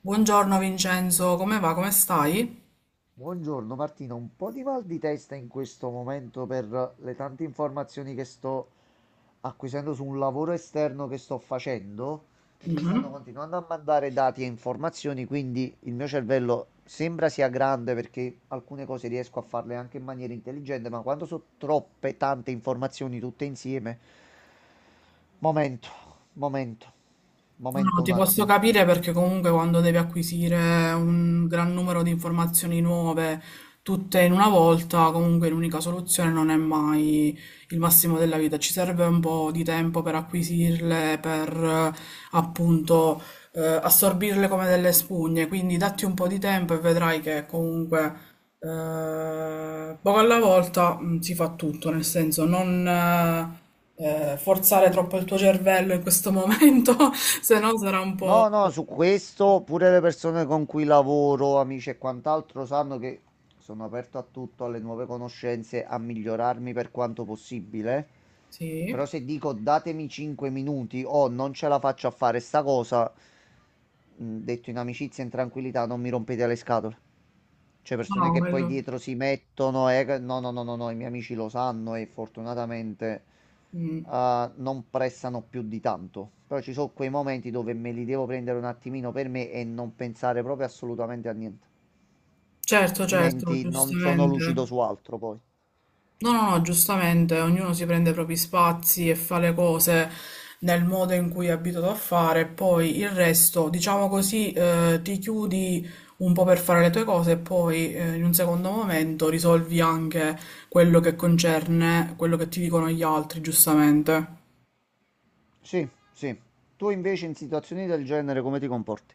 Buongiorno Vincenzo, come va? Come stai? Buongiorno Martina, un po' di mal di testa in questo momento per le tante informazioni che sto acquisendo su un lavoro esterno che sto facendo, che mi stanno Mhm. continuando a mandare dati e informazioni, quindi il mio cervello sembra sia grande perché alcune cose riesco a farle anche in maniera intelligente, ma quando sono troppe tante informazioni tutte insieme, momento, momento, No, no, momento ti un posso attimo. capire perché comunque quando devi acquisire un gran numero di informazioni nuove, tutte in una volta, comunque l'unica soluzione non è mai il massimo della vita. Ci serve un po' di tempo per acquisirle, per appunto assorbirle come delle spugne. Quindi datti un po' di tempo e vedrai che comunque poco alla volta si fa tutto, nel senso non forzare troppo il tuo cervello in questo momento, se no sarà un po'... No, no, su questo pure le persone con cui lavoro, amici e quant'altro, sanno che sono aperto a tutto, alle nuove conoscenze, a migliorarmi per quanto possibile. Sì, Però se dico datemi 5 minuti o non ce la faccio a fare sta cosa, detto in amicizia e in tranquillità, non mi rompete le scatole. Cioè persone no, che poi quello... dietro si mettono e... No, no, no, no, no, i miei amici lo sanno e fortunatamente mm. Non prestano più di tanto. Però ci sono quei momenti dove me li devo prendere un attimino per me e non pensare proprio assolutamente a niente. Certo, certo, Altrimenti non sono lucido su giustamente. altro poi. No, no, no, giustamente, ognuno si prende i propri spazi e fa le cose nel modo in cui è abituato a fare, poi il resto, diciamo così, ti chiudi un po' per fare le tue cose e poi in un secondo momento risolvi anche quello che concerne quello che ti dicono gli altri, giustamente. Sì, sì. Tu invece in situazioni del genere come ti comporti?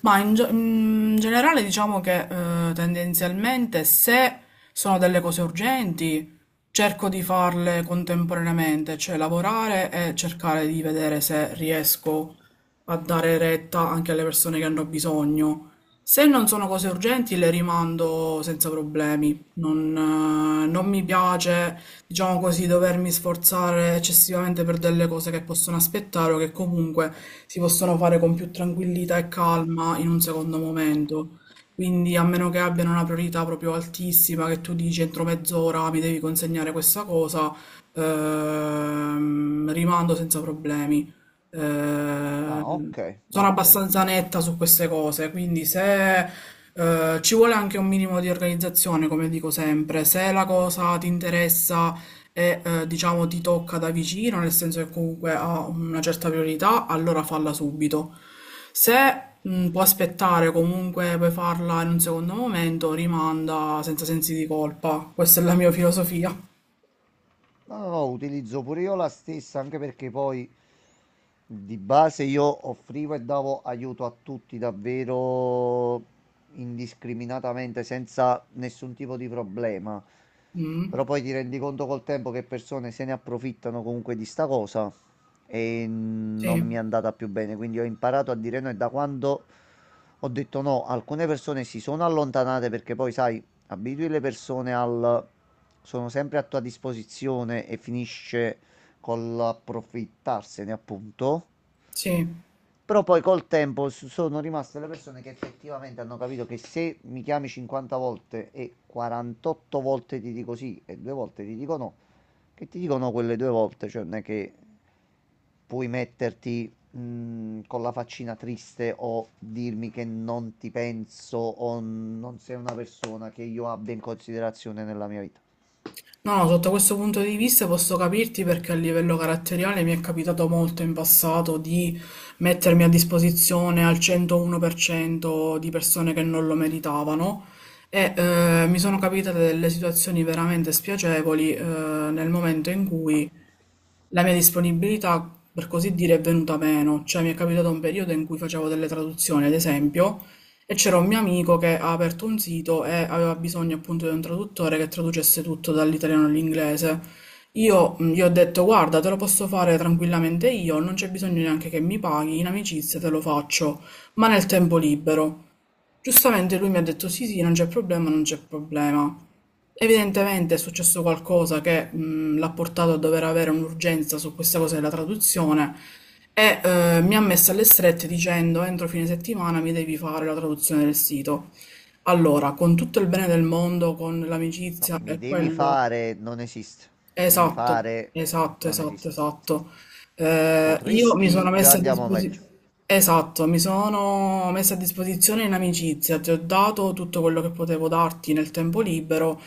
In generale diciamo che tendenzialmente se sono delle cose urgenti cerco di farle contemporaneamente, cioè lavorare e cercare di vedere se riesco a dare retta anche alle persone che hanno bisogno. Se non sono cose urgenti le rimando senza problemi. Non mi piace, diciamo così, dovermi sforzare eccessivamente per delle cose che possono aspettare o che comunque si possono fare con più tranquillità e calma in un secondo momento. Quindi, a meno che abbiano una priorità proprio altissima, che tu dici entro mezz'ora mi devi consegnare questa cosa, rimando senza problemi. Ah, Ehm, ok, Sono ok. abbastanza netta su queste cose, quindi se ci vuole anche un minimo di organizzazione, come dico sempre, se la cosa ti interessa e diciamo ti tocca da vicino, nel senso che comunque ha una certa priorità, allora falla subito. Se può aspettare, comunque puoi farla in un secondo momento, rimanda senza sensi di colpa. Questa è la mia filosofia. No, no, utilizzo pure io la stessa, anche perché poi di base io offrivo e davo aiuto a tutti davvero indiscriminatamente, senza nessun tipo di problema. Mm. Però poi ti rendi conto col tempo che persone se ne approfittano comunque di sta cosa e non Sì, mi è andata più bene, quindi ho imparato a dire no e da quando ho detto no, alcune persone si sono allontanate perché poi sai, abitui le persone al sono sempre a tua disposizione e finisce col approfittarsene, appunto. sì. Però poi col tempo sono rimaste le persone che effettivamente hanno capito che se mi chiami 50 volte e 48 volte ti dico sì e due volte ti dico no, che ti dicono quelle due volte, cioè non è che puoi metterti con la faccina triste o dirmi che non ti penso o non sei una persona che io abbia in considerazione nella mia vita. No, no, sotto questo punto di vista posso capirti perché a livello caratteriale mi è capitato molto in passato di mettermi a disposizione al 101% di persone che non lo meritavano e mi sono capitate delle situazioni veramente spiacevoli nel momento in cui la mia disponibilità, per così dire, è venuta meno, cioè mi è capitato un periodo in cui facevo delle traduzioni, ad esempio, e c'era un mio amico che ha aperto un sito e aveva bisogno appunto di un traduttore che traducesse tutto dall'italiano all'inglese. Io gli ho detto, guarda, te lo posso fare tranquillamente io, non c'è bisogno neanche che mi paghi, in amicizia te lo faccio, ma nel tempo libero. Giustamente lui mi ha detto sì, sì, non c'è problema, non c'è problema. Evidentemente è successo qualcosa che l'ha portato a dover avere un'urgenza su questa cosa della traduzione e mi ha messo alle strette dicendo entro fine settimana mi devi fare la traduzione del sito. Allora, con tutto il bene del mondo, con No, l'amicizia mi e devi quello. fare, non esiste. Devi Esatto, fare, esatto, non esatto, esiste. esatto. Io mi sono Potresti, già messa a andiamo meglio. disposizione, esatto, mi sono messa a disposizione in amicizia, ti ho dato tutto quello che potevo darti nel tempo libero.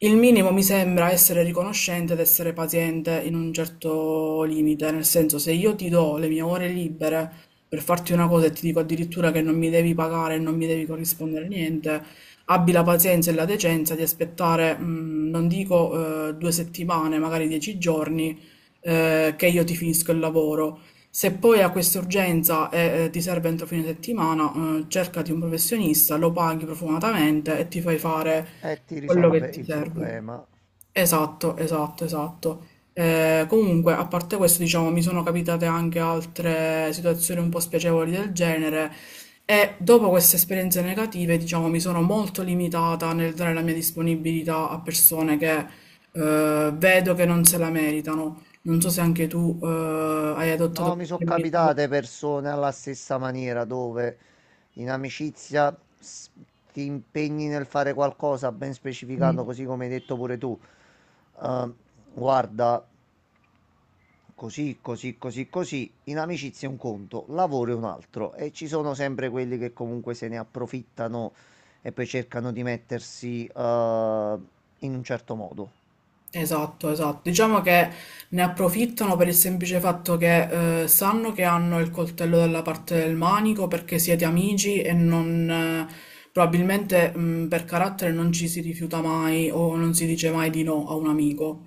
Il minimo mi sembra essere riconoscente ed essere paziente in un certo limite, nel senso se io ti do le mie ore libere per farti una cosa e ti dico addirittura che non mi devi pagare e non mi devi corrispondere niente, abbi la pazienza e la decenza di aspettare, mm, non dico due settimane, magari dieci giorni, che io ti finisco il lavoro. Se poi hai questa urgenza e ti serve entro fine settimana, cercati un professionista, lo paghi profumatamente e ti fai fare E ti quello risolve che ti il serve. problema. Esatto, esatto, esatto. Comunque, a parte questo, diciamo, mi sono capitate anche altre situazioni un po' spiacevoli del genere e dopo queste esperienze negative, diciamo, mi sono molto limitata nel dare la mia disponibilità a persone che vedo che non se la meritano. Non so se anche tu hai adottato No, mi sono qualche misura. capitate persone alla stessa maniera dove in amicizia ti impegni nel fare qualcosa ben specificando, così come hai detto pure tu. Eh, guarda, così, così, così, così. In amicizia è un conto, lavoro è un altro. E ci sono sempre quelli che comunque se ne approfittano e poi cercano di mettersi, in un certo modo. Esatto, esatto. Diciamo che ne approfittano per il semplice fatto che sanno che hanno il coltello dalla parte del manico perché siete amici e non, probabilmente per carattere non ci si rifiuta mai o non si dice mai di no a un amico.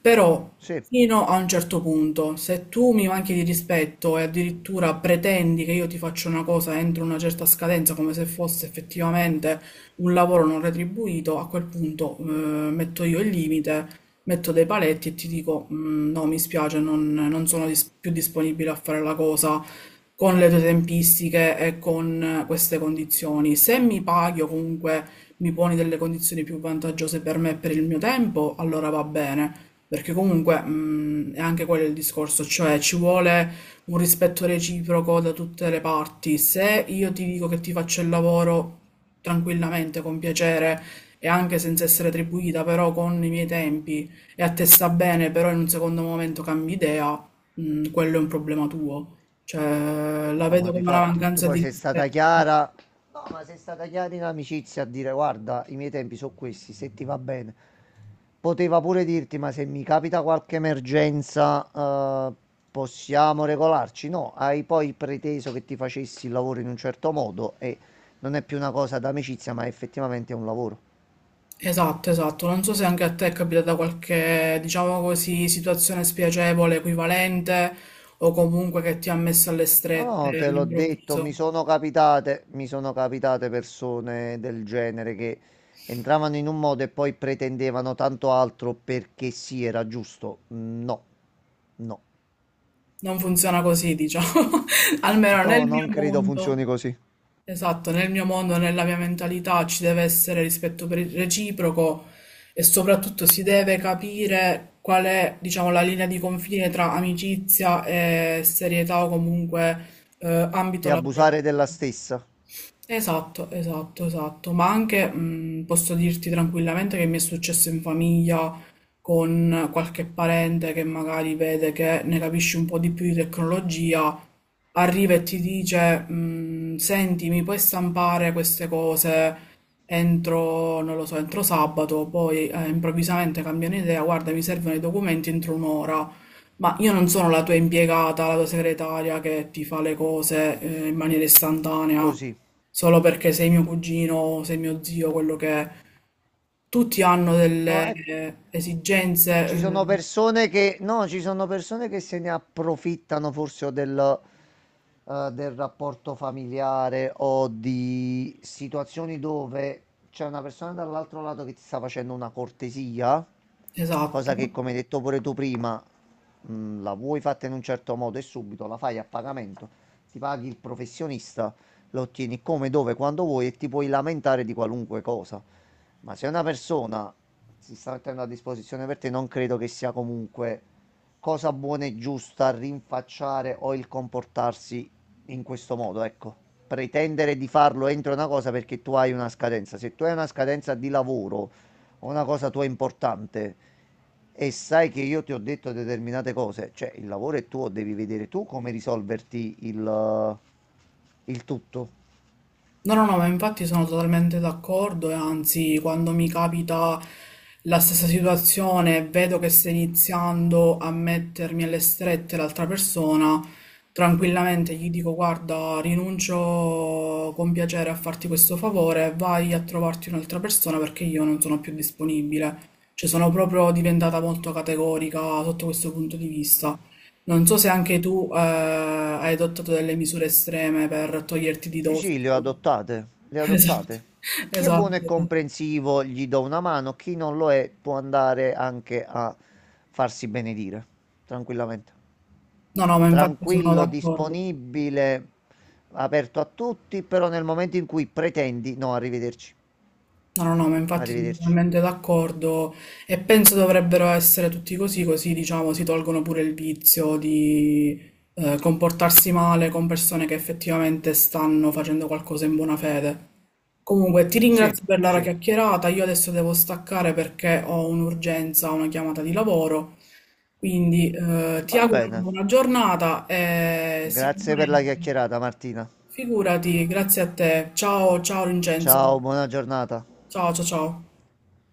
Però Sì. fino a un certo punto, se tu mi manchi di rispetto e addirittura pretendi che io ti faccia una cosa entro una certa scadenza, come se fosse effettivamente un lavoro non retribuito, a quel punto metto io il limite, metto dei paletti e ti dico "Mm, no, mi spiace, non, non sono dis- più disponibile a fare la cosa con le tue tempistiche e con queste condizioni. Se mi paghi o comunque mi poni delle condizioni più vantaggiose per me e per il mio tempo, allora va bene. Perché comunque, è anche quello il discorso, cioè ci vuole un rispetto reciproco da tutte le parti. Se io ti dico che ti faccio il lavoro tranquillamente, con piacere e anche senza essere attribuita, però con i miei tempi e a te sta bene, però in un secondo momento cambi idea, quello è un problema tuo. Cioè, la No, ma vedo come una difatti, tu mancanza poi di sei stata rispetto. chiara. No, ma sei stata chiara in amicizia a dire, guarda, i miei tempi sono questi, se ti va bene. Poteva pure dirti, ma se mi capita qualche emergenza, possiamo regolarci? No, hai poi preteso che ti facessi il lavoro in un certo modo e non è più una cosa d'amicizia, ma effettivamente è un lavoro. Esatto, esatto. Non so se anche a te è capitata qualche, diciamo così, situazione spiacevole, equivalente, o comunque che ti ha messo alle No, strette no, te l'ho detto, all'improvviso. Mi sono capitate persone del genere che entravano in un modo e poi pretendevano tanto altro perché sì, era giusto. No, no, Non funziona così, diciamo. Almeno nel no, mio non credo mondo. funzioni così. Esatto, nel mio mondo, nella mia mentalità ci deve essere rispetto per- il reciproco e soprattutto si deve capire qual è, diciamo, la linea di confine tra amicizia e serietà o comunque ambito E lavorativo. abusare della stessa, Esatto, esatto, esatto, ma anche posso dirti tranquillamente che mi è successo in famiglia con qualche parente che magari vede che ne capisci un po' di più di tecnologia arriva e ti dice, "Mm, senti, mi puoi stampare queste cose entro, non lo so, entro sabato, poi improvvisamente cambiano idea, guarda, mi servono i documenti entro un'ora. Ma io non sono la tua impiegata, la tua segretaria che ti fa le cose in maniera istantanea, così. solo perché sei mio cugino, sei mio zio, quello che è. Tutti hanno delle No, ecco. Esigenze, Ci sono persone che, no, ci sono persone che se ne approfittano forse o del, del rapporto familiare o di situazioni dove c'è una persona dall'altro lato che ti sta facendo una cortesia, esatto. cosa che, come hai detto pure tu prima, la vuoi fatta in un certo modo e subito la fai a pagamento, ti paghi il professionista, lo ottieni come, dove, quando vuoi e ti puoi lamentare di qualunque cosa. Ma se una persona si sta mettendo a disposizione per te, non credo che sia comunque cosa buona e giusta rinfacciare o il comportarsi in questo modo, ecco. Pretendere di farlo entro una cosa perché tu hai una scadenza. Se tu hai una scadenza di lavoro o una cosa tua importante e sai che io ti ho detto determinate cose, cioè il lavoro è tuo, devi vedere tu come risolverti il tutto. No, no, no, ma infatti sono totalmente d'accordo e anzi, quando mi capita la stessa situazione, e vedo che sta iniziando a mettermi alle strette l'altra persona, tranquillamente gli dico: Guarda, rinuncio con piacere a farti questo favore, vai a trovarti un'altra persona perché io non sono più disponibile. Cioè, sono proprio diventata molto categorica sotto questo punto di vista. Non so se anche tu hai adottato delle misure estreme per toglierti di Sì, dosso. sì, le ho adottate, le ho Esatto, adottate. Chi è buono e esatto. comprensivo gli do una mano, chi non lo è può andare anche a farsi benedire, tranquillamente. No, no, ma infatti sono Tranquillo, d'accordo. disponibile, aperto a tutti, però nel momento in cui pretendi, no, arrivederci, No, no, no, ma infatti sono arrivederci. totalmente d'accordo e penso dovrebbero essere tutti così, così diciamo si tolgono pure il vizio di comportarsi male con persone che effettivamente stanno facendo qualcosa in buona fede. Comunque, ti Sì, ringrazio per la sì, chiacchierata, io adesso devo staccare perché ho un'urgenza, una chiamata di lavoro, quindi ti va auguro una bene. buona giornata e Grazie per la sicuramente chiacchierata, Martina. figurati, grazie a te. Ciao, ciao Vincenzo. Ciao, buona giornata. Ciao, ciao, ciao.